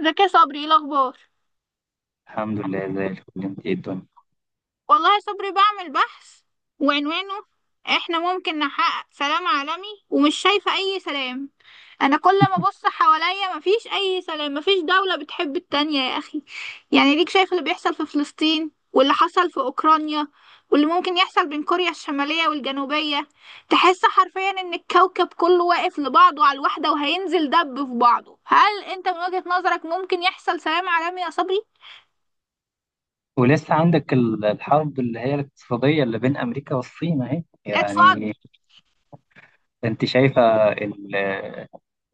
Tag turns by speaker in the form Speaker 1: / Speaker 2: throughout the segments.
Speaker 1: ازيك يا صبري؟ ايه الاخبار؟
Speaker 2: الحمد لله زي الفل. انت ايه الدنيا؟
Speaker 1: والله يا صبري بعمل بحث وعنوانه: احنا ممكن نحقق سلام عالمي ومش شايفة اي سلام. انا كل ما ابص حواليا مفيش اي سلام، مفيش دولة بتحب التانية يا اخي. يعني ليك شايف اللي بيحصل في فلسطين واللي حصل في اوكرانيا واللي ممكن يحصل بين كوريا الشمالية والجنوبية. تحس حرفيا ان الكوكب كله واقف لبعضه على الوحدة وهينزل دب في بعضه. هل انت من وجهة نظرك ممكن يحصل سلام عالمي يا صبري؟
Speaker 2: ولسه عندك الحرب اللي هي الاقتصادية اللي بين أمريكا والصين أهي،
Speaker 1: اتفضل.
Speaker 2: يعني. أنت شايفة ال-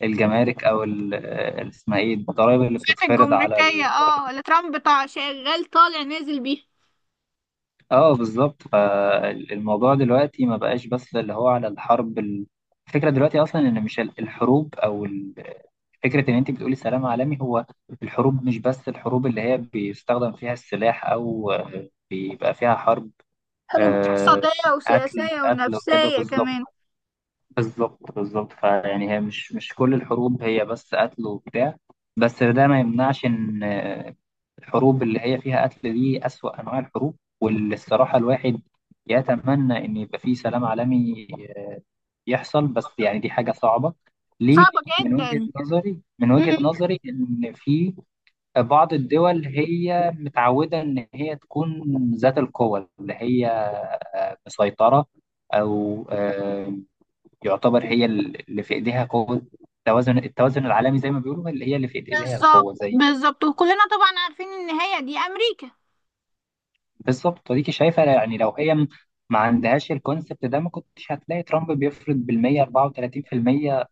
Speaker 2: الجمارك أو اسمها إيه، الضرائب اللي بتتفرض على
Speaker 1: الجمركية اه، اللي ترامب طالع شغال طالع نازل بيها.
Speaker 2: آه، بالظبط. فالموضوع دلوقتي ما بقاش بس اللي هو على الحرب الفكرة دلوقتي أصلا إن مش الحروب أو فكرة إن أنت بتقولي سلام عالمي. هو الحروب مش بس الحروب اللي هي بيستخدم فيها السلاح أو بيبقى فيها حرب.
Speaker 1: حروب
Speaker 2: آه،
Speaker 1: اقتصادية
Speaker 2: قتل
Speaker 1: وسياسية
Speaker 2: قتل وكده،
Speaker 1: ونفسية
Speaker 2: بالظبط،
Speaker 1: كمان.
Speaker 2: بالظبط، بالظبط. فيعني هي مش كل الحروب هي بس قتل وبتاع، بس ده ما يمنعش ان الحروب اللي هي فيها قتل دي أسوأ انواع الحروب، واللي الصراحة الواحد يتمنى ان يبقى فيه سلام عالمي آه، يحصل، بس يعني دي حاجة صعبة. ليه؟
Speaker 1: صعبة
Speaker 2: من وجهة
Speaker 1: جدا.
Speaker 2: نظري من
Speaker 1: مم.
Speaker 2: وجهة نظري ان في بعض الدول هي متعودة ان هي تكون ذات القوة، اللي هي مسيطرة، أو يعتبر هي اللي في إيديها قوة التوازن، العالمي، زي ما بيقولوا، اللي هي اللي في إيديها
Speaker 1: بالظبط
Speaker 2: القوة زي
Speaker 1: بالظبط، وكلنا طبعا عارفين النهاية دي أمريكا.
Speaker 2: بالظبط. وديكي شايفة، يعني لو هي ما عندهاش الكونسبت ده، ما كنتش هتلاقي ترامب بيفرض بالمية 34%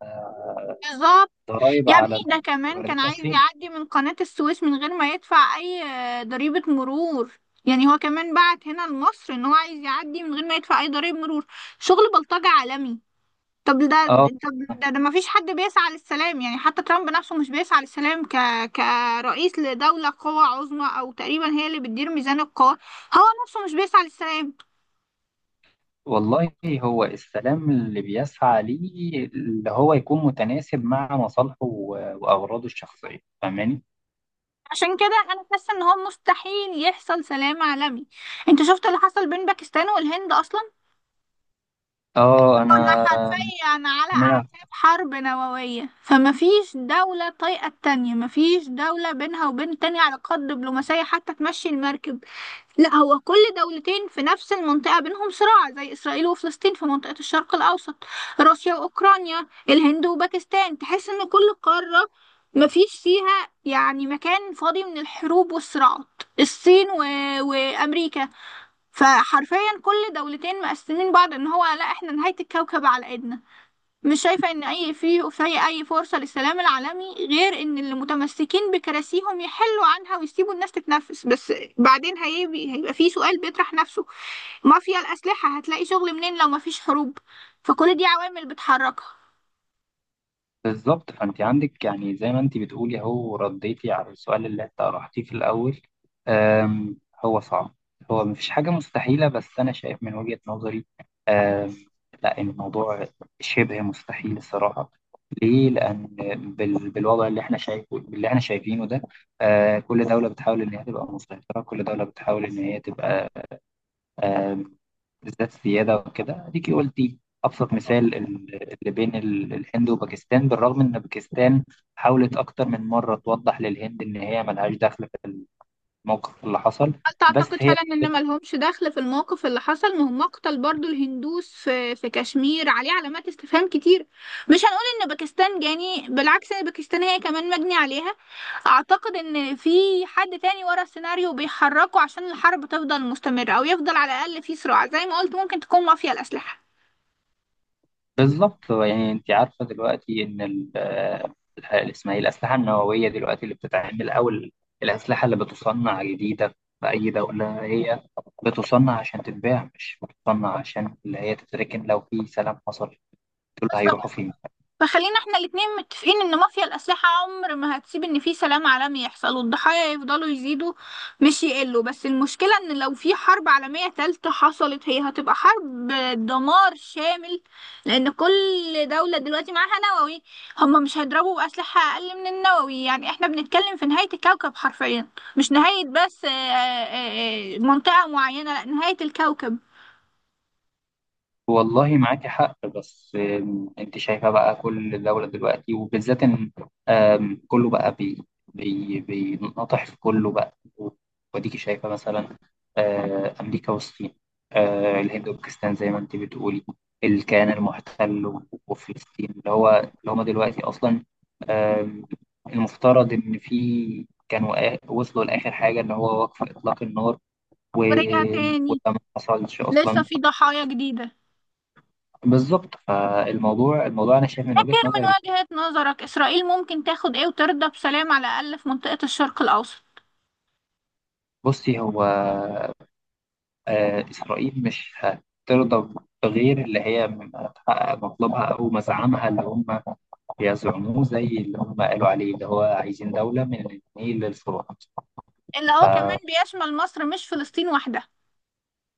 Speaker 1: بالظبط.
Speaker 2: ضرائب
Speaker 1: يا ابني
Speaker 2: على
Speaker 1: ده كمان كان
Speaker 2: الواردات من
Speaker 1: عايز
Speaker 2: الصين.
Speaker 1: يعدي من قناة السويس من غير ما يدفع أي ضريبة مرور. يعني هو كمان بعت هنا لمصر إن هو عايز يعدي من غير ما يدفع أي ضريبة مرور. شغل بلطجة عالمي. طب ده،
Speaker 2: اه،
Speaker 1: ده ما فيش حد بيسعى للسلام، يعني حتى ترامب نفسه مش بيسعى للسلام كرئيس لدولة قوى عظمى او تقريبا هي اللي بتدير ميزان القوى، هو نفسه مش بيسعى للسلام.
Speaker 2: والله هو السلام اللي بيسعى ليه اللي هو يكون متناسب مع مصالحه وأغراضه الشخصية، فاهماني؟
Speaker 1: عشان كده انا حاسة ان هو مستحيل يحصل سلام عالمي. انت شفت اللي حصل بين باكستان والهند اصلا؟
Speaker 2: اه، انا
Speaker 1: كنا حرفيا على
Speaker 2: سمعت.
Speaker 1: اعتاب حرب نووية، فما فيش دولة طايقة التانية، ما فيش دولة بينها وبين التانية على قد دبلوماسية حتى تمشي المركب. لا، هو كل دولتين في نفس المنطقة بينهم صراع، زي إسرائيل وفلسطين في منطقة الشرق الأوسط، روسيا وأوكرانيا، الهند وباكستان. تحس إن كل قارة مفيش فيها يعني مكان فاضي من الحروب والصراعات. الصين وأمريكا. فحرفيا كل دولتين مقسمين بعض، إن هو لا إحنا نهاية الكوكب على إيدنا. مش شايفة إن أي في أي فرصة للسلام العالمي غير إن اللي متمسكين بكراسيهم يحلوا عنها ويسيبوا الناس تتنفس بس. بعدين هيبقى في سؤال بيطرح نفسه: مافيا الأسلحة هتلاقي شغل منين لو مفيش حروب؟ فكل دي عوامل بتحركها.
Speaker 2: بالظبط، فانت عندك، يعني زي ما انت بتقولي، هو رديتي على السؤال اللي انت طرحتيه في الاول. أم هو صعب، هو مفيش حاجه مستحيله، بس انا شايف من وجهه نظري أم لا، الموضوع شبه مستحيل الصراحه. ليه؟ لان بالوضع اللي احنا شايفه، اللي احنا شايفينه ده، أه، كل دوله بتحاول ان هي تبقى مسيطره، كل دوله بتحاول ان هي تبقى بالذات سيادة وكده. اديكي قلتي ابسط مثال اللي بين الهند وباكستان، بالرغم ان باكستان حاولت اكتر من مرة توضح للهند ان هي ملهاش دخل في الموقف اللي حصل،
Speaker 1: هل
Speaker 2: بس
Speaker 1: تعتقد
Speaker 2: هي
Speaker 1: فعلا ان ملهمش دخل في الموقف اللي حصل؟ ما هم قتل برضو الهندوس في كشمير، عليه علامات استفهام كتير. مش هنقول ان باكستان جاني، بالعكس ان باكستان هي كمان مجني عليها. اعتقد ان في حد تاني ورا السيناريو بيحركه عشان الحرب تفضل مستمرة او يفضل على الاقل في صراع، زي ما قلت ممكن تكون مافيا الاسلحة.
Speaker 2: بالظبط. يعني انت عارفة دلوقتي ان اسمها ايه، الاسلحة النووية دلوقتي اللي بتتعمل، او الاسلحة اللي بتصنع جديدة في اي دولة، هي بتصنع عشان تتباع، مش بتصنع عشان اللي هي تتركن لو في سلام حصل. دول هيروحوا فين؟
Speaker 1: فخلينا احنا الاتنين متفقين ان مافيا الأسلحة عمر ما هتسيب ان في سلام عالمي يحصل، والضحايا يفضلوا يزيدوا مش يقلوا. بس المشكلة ان لو في حرب عالمية تالتة حصلت، هي هتبقى حرب دمار شامل، لان كل دولة دلوقتي معاها نووي. هم مش هيضربوا بأسلحة اقل من النووي، يعني احنا بنتكلم في نهاية الكوكب حرفيا. مش نهاية بس منطقة معينة، لا نهاية الكوكب.
Speaker 2: والله معاكي حق، بس انت شايفة بقى، كل دولة دلوقتي وبالذات ان كله بقى بي بينطح في كله بقى. وديكي شايفة مثلا أمريكا والصين، الهند وباكستان زي ما انت بتقولي، الكيان المحتل وفلسطين اللي هو اللي هما دلوقتي أصلا آم، المفترض إن في كانوا وصلوا لآخر حاجة اللي هو وقف إطلاق النار و-
Speaker 1: ورجع
Speaker 2: وده
Speaker 1: تاني.
Speaker 2: ما حصلش
Speaker 1: لسه
Speaker 2: أصلا.
Speaker 1: في ضحايا جديدة.
Speaker 2: بالظبط، فالموضوع، انا شايف من وجهة
Speaker 1: فاكر
Speaker 2: نظري،
Speaker 1: من وجهة نظرك إسرائيل ممكن تاخد إيه وترضى بسلام على الأقل في منطقة الشرق الأوسط؟
Speaker 2: بصي هو اسرائيل مش هترضى بغير اللي هي تحقق مطلبها او مزعمها اللي هم بيزعموه، زي اللي هم قالوا عليه، اللي هو عايزين دولة من النيل للفرات.
Speaker 1: اللي هو كمان بيشمل مصر، مش فلسطين وحدها.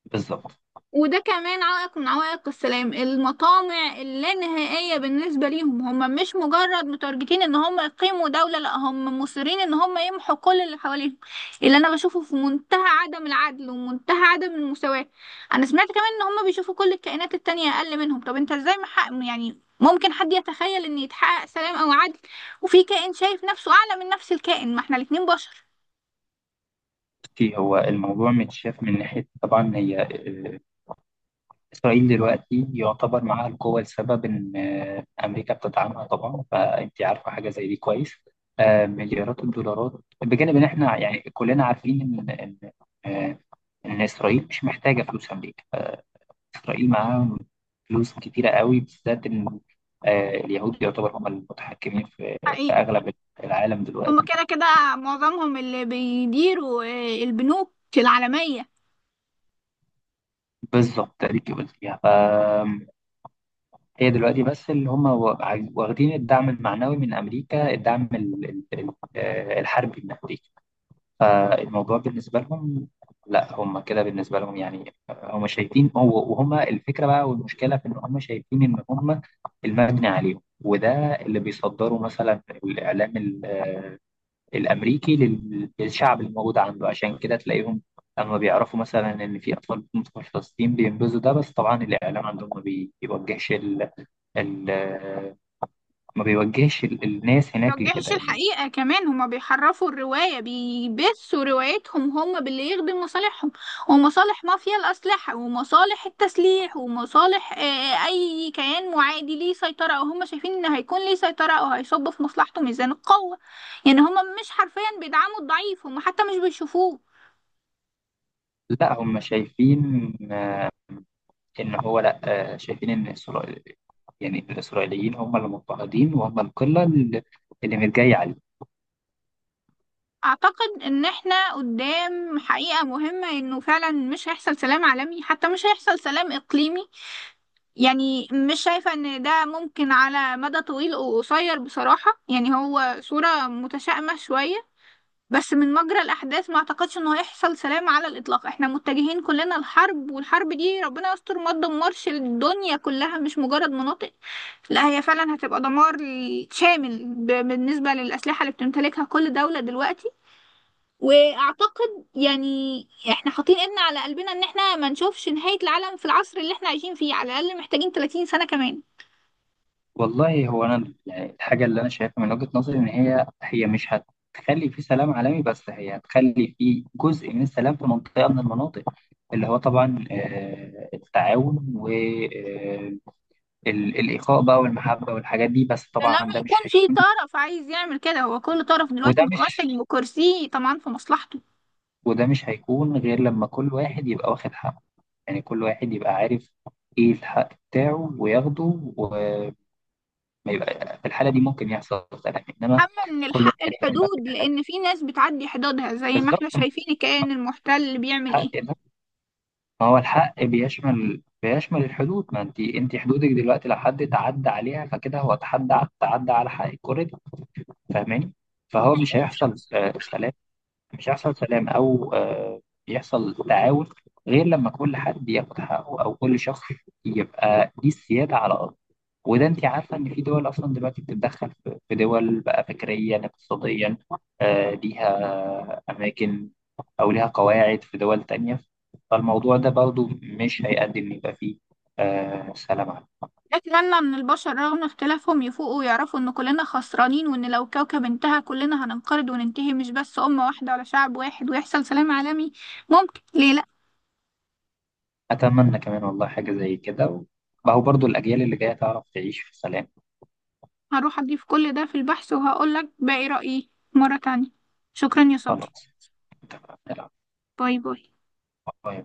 Speaker 2: بالظبط.
Speaker 1: وده كمان عائق من عوائق السلام: المطامع اللانهائية بالنسبة ليهم. هم مش مجرد متارجتين ان هم يقيموا دولة، لا هم مصرين ان هم يمحوا كل اللي حواليهم. اللي انا بشوفه في منتهى عدم العدل ومنتهى عدم المساواة. انا سمعت كمان ان هم بيشوفوا كل الكائنات التانية اقل منهم. طب انت ازاي محقق، يعني ممكن حد يتخيل ان يتحقق سلام او عدل وفي كائن شايف نفسه اعلى من نفس الكائن؟ ما احنا الاتنين بشر.
Speaker 2: بصي، هو الموضوع متشاف من ناحية، طبعا هي إسرائيل دلوقتي يعتبر معاها القوة، لسبب إن أمريكا بتدعمها طبعا، فأنت عارفة حاجة زي دي كويس، مليارات الدولارات. بجانب إن إحنا يعني كلنا عارفين إن آه، إن إسرائيل مش محتاجة فلوس أمريكا، إسرائيل معاها فلوس كتيرة قوي، بالذات إن اليهود يعتبر هم المتحكمين في
Speaker 1: حقيقي.
Speaker 2: أغلب العالم
Speaker 1: هما
Speaker 2: دلوقتي.
Speaker 1: كده كده معظمهم اللي بيديروا البنوك العالمية.
Speaker 2: بالظبط تقريبا فيها. هي دلوقتي بس اللي هم واخدين الدعم المعنوي من أمريكا، الدعم الحربي من أمريكا. فالموضوع بالنسبة لهم لا، هم كده بالنسبة لهم، يعني هم شايفين، هو وهم الفكرة بقى، والمشكلة في إن هم شايفين إن هم المبني عليهم، وده اللي بيصدروا مثلا الإعلام الامريكي للشعب الموجود عنده، عشان كده تلاقيهم لما بيعرفوا مثلا ان في اطفال بتموت في فلسطين بينبذوا ده، بس طبعا الاعلام عندهم ما بي- بيوجهش ال... ما بيوجهش الناس هناك
Speaker 1: مبيوجهش
Speaker 2: لكده، يعني.
Speaker 1: الحقيقة، كمان هما بيحرفوا الرواية، بيبثوا روايتهم هما باللي يخدم مصالحهم ومصالح مافيا الأسلحة ومصالح التسليح ومصالح أي كيان معادي ليه سيطرة أو هما شايفين إن هيكون ليه سيطرة أو هيصب في مصلحته ميزان القوة. يعني هما مش حرفيا بيدعموا الضعيف، هما حتى مش بيشوفوه.
Speaker 2: لا هم شايفين ان هو لا، شايفين ان اسرائيل، يعني الاسرائيليين، هم اللي مضطهدين وهم القله اللي متجايه عليهم.
Speaker 1: أعتقد إن إحنا قدام حقيقة مهمة، إنه فعلا مش هيحصل سلام عالمي، حتى مش هيحصل سلام إقليمي. يعني مش شايفة إن ده ممكن على مدى طويل وقصير بصراحة. يعني هو صورة متشائمة شوية، بس من مجرى الأحداث ما أعتقدش إنه هيحصل سلام على الإطلاق. إحنا متجهين كلنا لحرب، والحرب دي ربنا يستر ما تدمرش الدنيا كلها، مش مجرد مناطق. لا هي فعلا هتبقى دمار شامل بالنسبة للأسلحة اللي بتمتلكها كل دولة دلوقتي. واعتقد يعني احنا حاطين ايدنا على قلبنا ان احنا ما نشوفش نهاية العالم في العصر اللي احنا عايشين فيه، على الاقل محتاجين 30 سنة كمان.
Speaker 2: والله، هو انا يعني الحاجه اللي انا شايفها من وجهه نظري، ان هي مش هتخلي في سلام عالمي، بس هي هتخلي في جزء من السلام في منطقه من المناطق، اللي هو طبعا التعاون والاخاء بقى، والمحبه والحاجات دي، بس طبعا
Speaker 1: لما
Speaker 2: ده
Speaker 1: يكون
Speaker 2: مش
Speaker 1: في
Speaker 2: هيكون.
Speaker 1: طرف عايز يعمل كده. هو كل طرف دلوقتي
Speaker 2: وده
Speaker 1: متمسك
Speaker 2: مش
Speaker 1: بكرسيه طبعا في مصلحته.
Speaker 2: وده مش هيكون غير لما كل واحد يبقى واخد حقه، يعني كل واحد يبقى عارف ايه الحق بتاعه وياخده، وما يبقى في الحاله دي ممكن يحصل سلام. انما
Speaker 1: أما من
Speaker 2: كل
Speaker 1: الحق
Speaker 2: واحد لما
Speaker 1: الحدود،
Speaker 2: بيحاول،
Speaker 1: لأن في ناس بتعدي حدودها زي ما
Speaker 2: بالظبط،
Speaker 1: احنا شايفين الكيان المحتل بيعمل
Speaker 2: حق
Speaker 1: ايه.
Speaker 2: ده، ما هو الحق بيشمل الحدود. ما انت، انت حدودك دلوقتي لو حد تعدى عليها، فكده هو تعدى على حق الكورة دي، فاهماني؟ فهو مش هيحصل سلام، مش هيحصل سلام او يحصل تعاون، غير لما كل حد ياخد حقه، او كل شخص يبقى ليه السيادة على ارضه. وده انت عارفه ان في دول اصلا دلوقتي بتتدخل في دول بقى فكريا، اقتصاديا، ليها اماكن او ليها قواعد في دول تانية، فالموضوع ده برضو مش هيقدم إن يبقى فيه سلام عام.
Speaker 1: أتمنى من البشر رغم اختلافهم يفوقوا ويعرفوا إن كلنا خسرانين، وإن لو كوكب انتهى كلنا هننقرض وننتهي، مش بس أمة واحدة ولا شعب واحد، ويحصل سلام عالمي. ممكن، ليه لأ؟
Speaker 2: اتمنى كمان، والله، حاجة زي كده. ما هو برضو الاجيال اللي جاية تعرف تعيش في سلام.
Speaker 1: هروح أضيف كل ده في البحث وهقولك باقي رأيي مرة تانية. شكرا يا صبري.
Speaker 2: خلاص، اتفقنا، لا.
Speaker 1: باي باي.
Speaker 2: باي.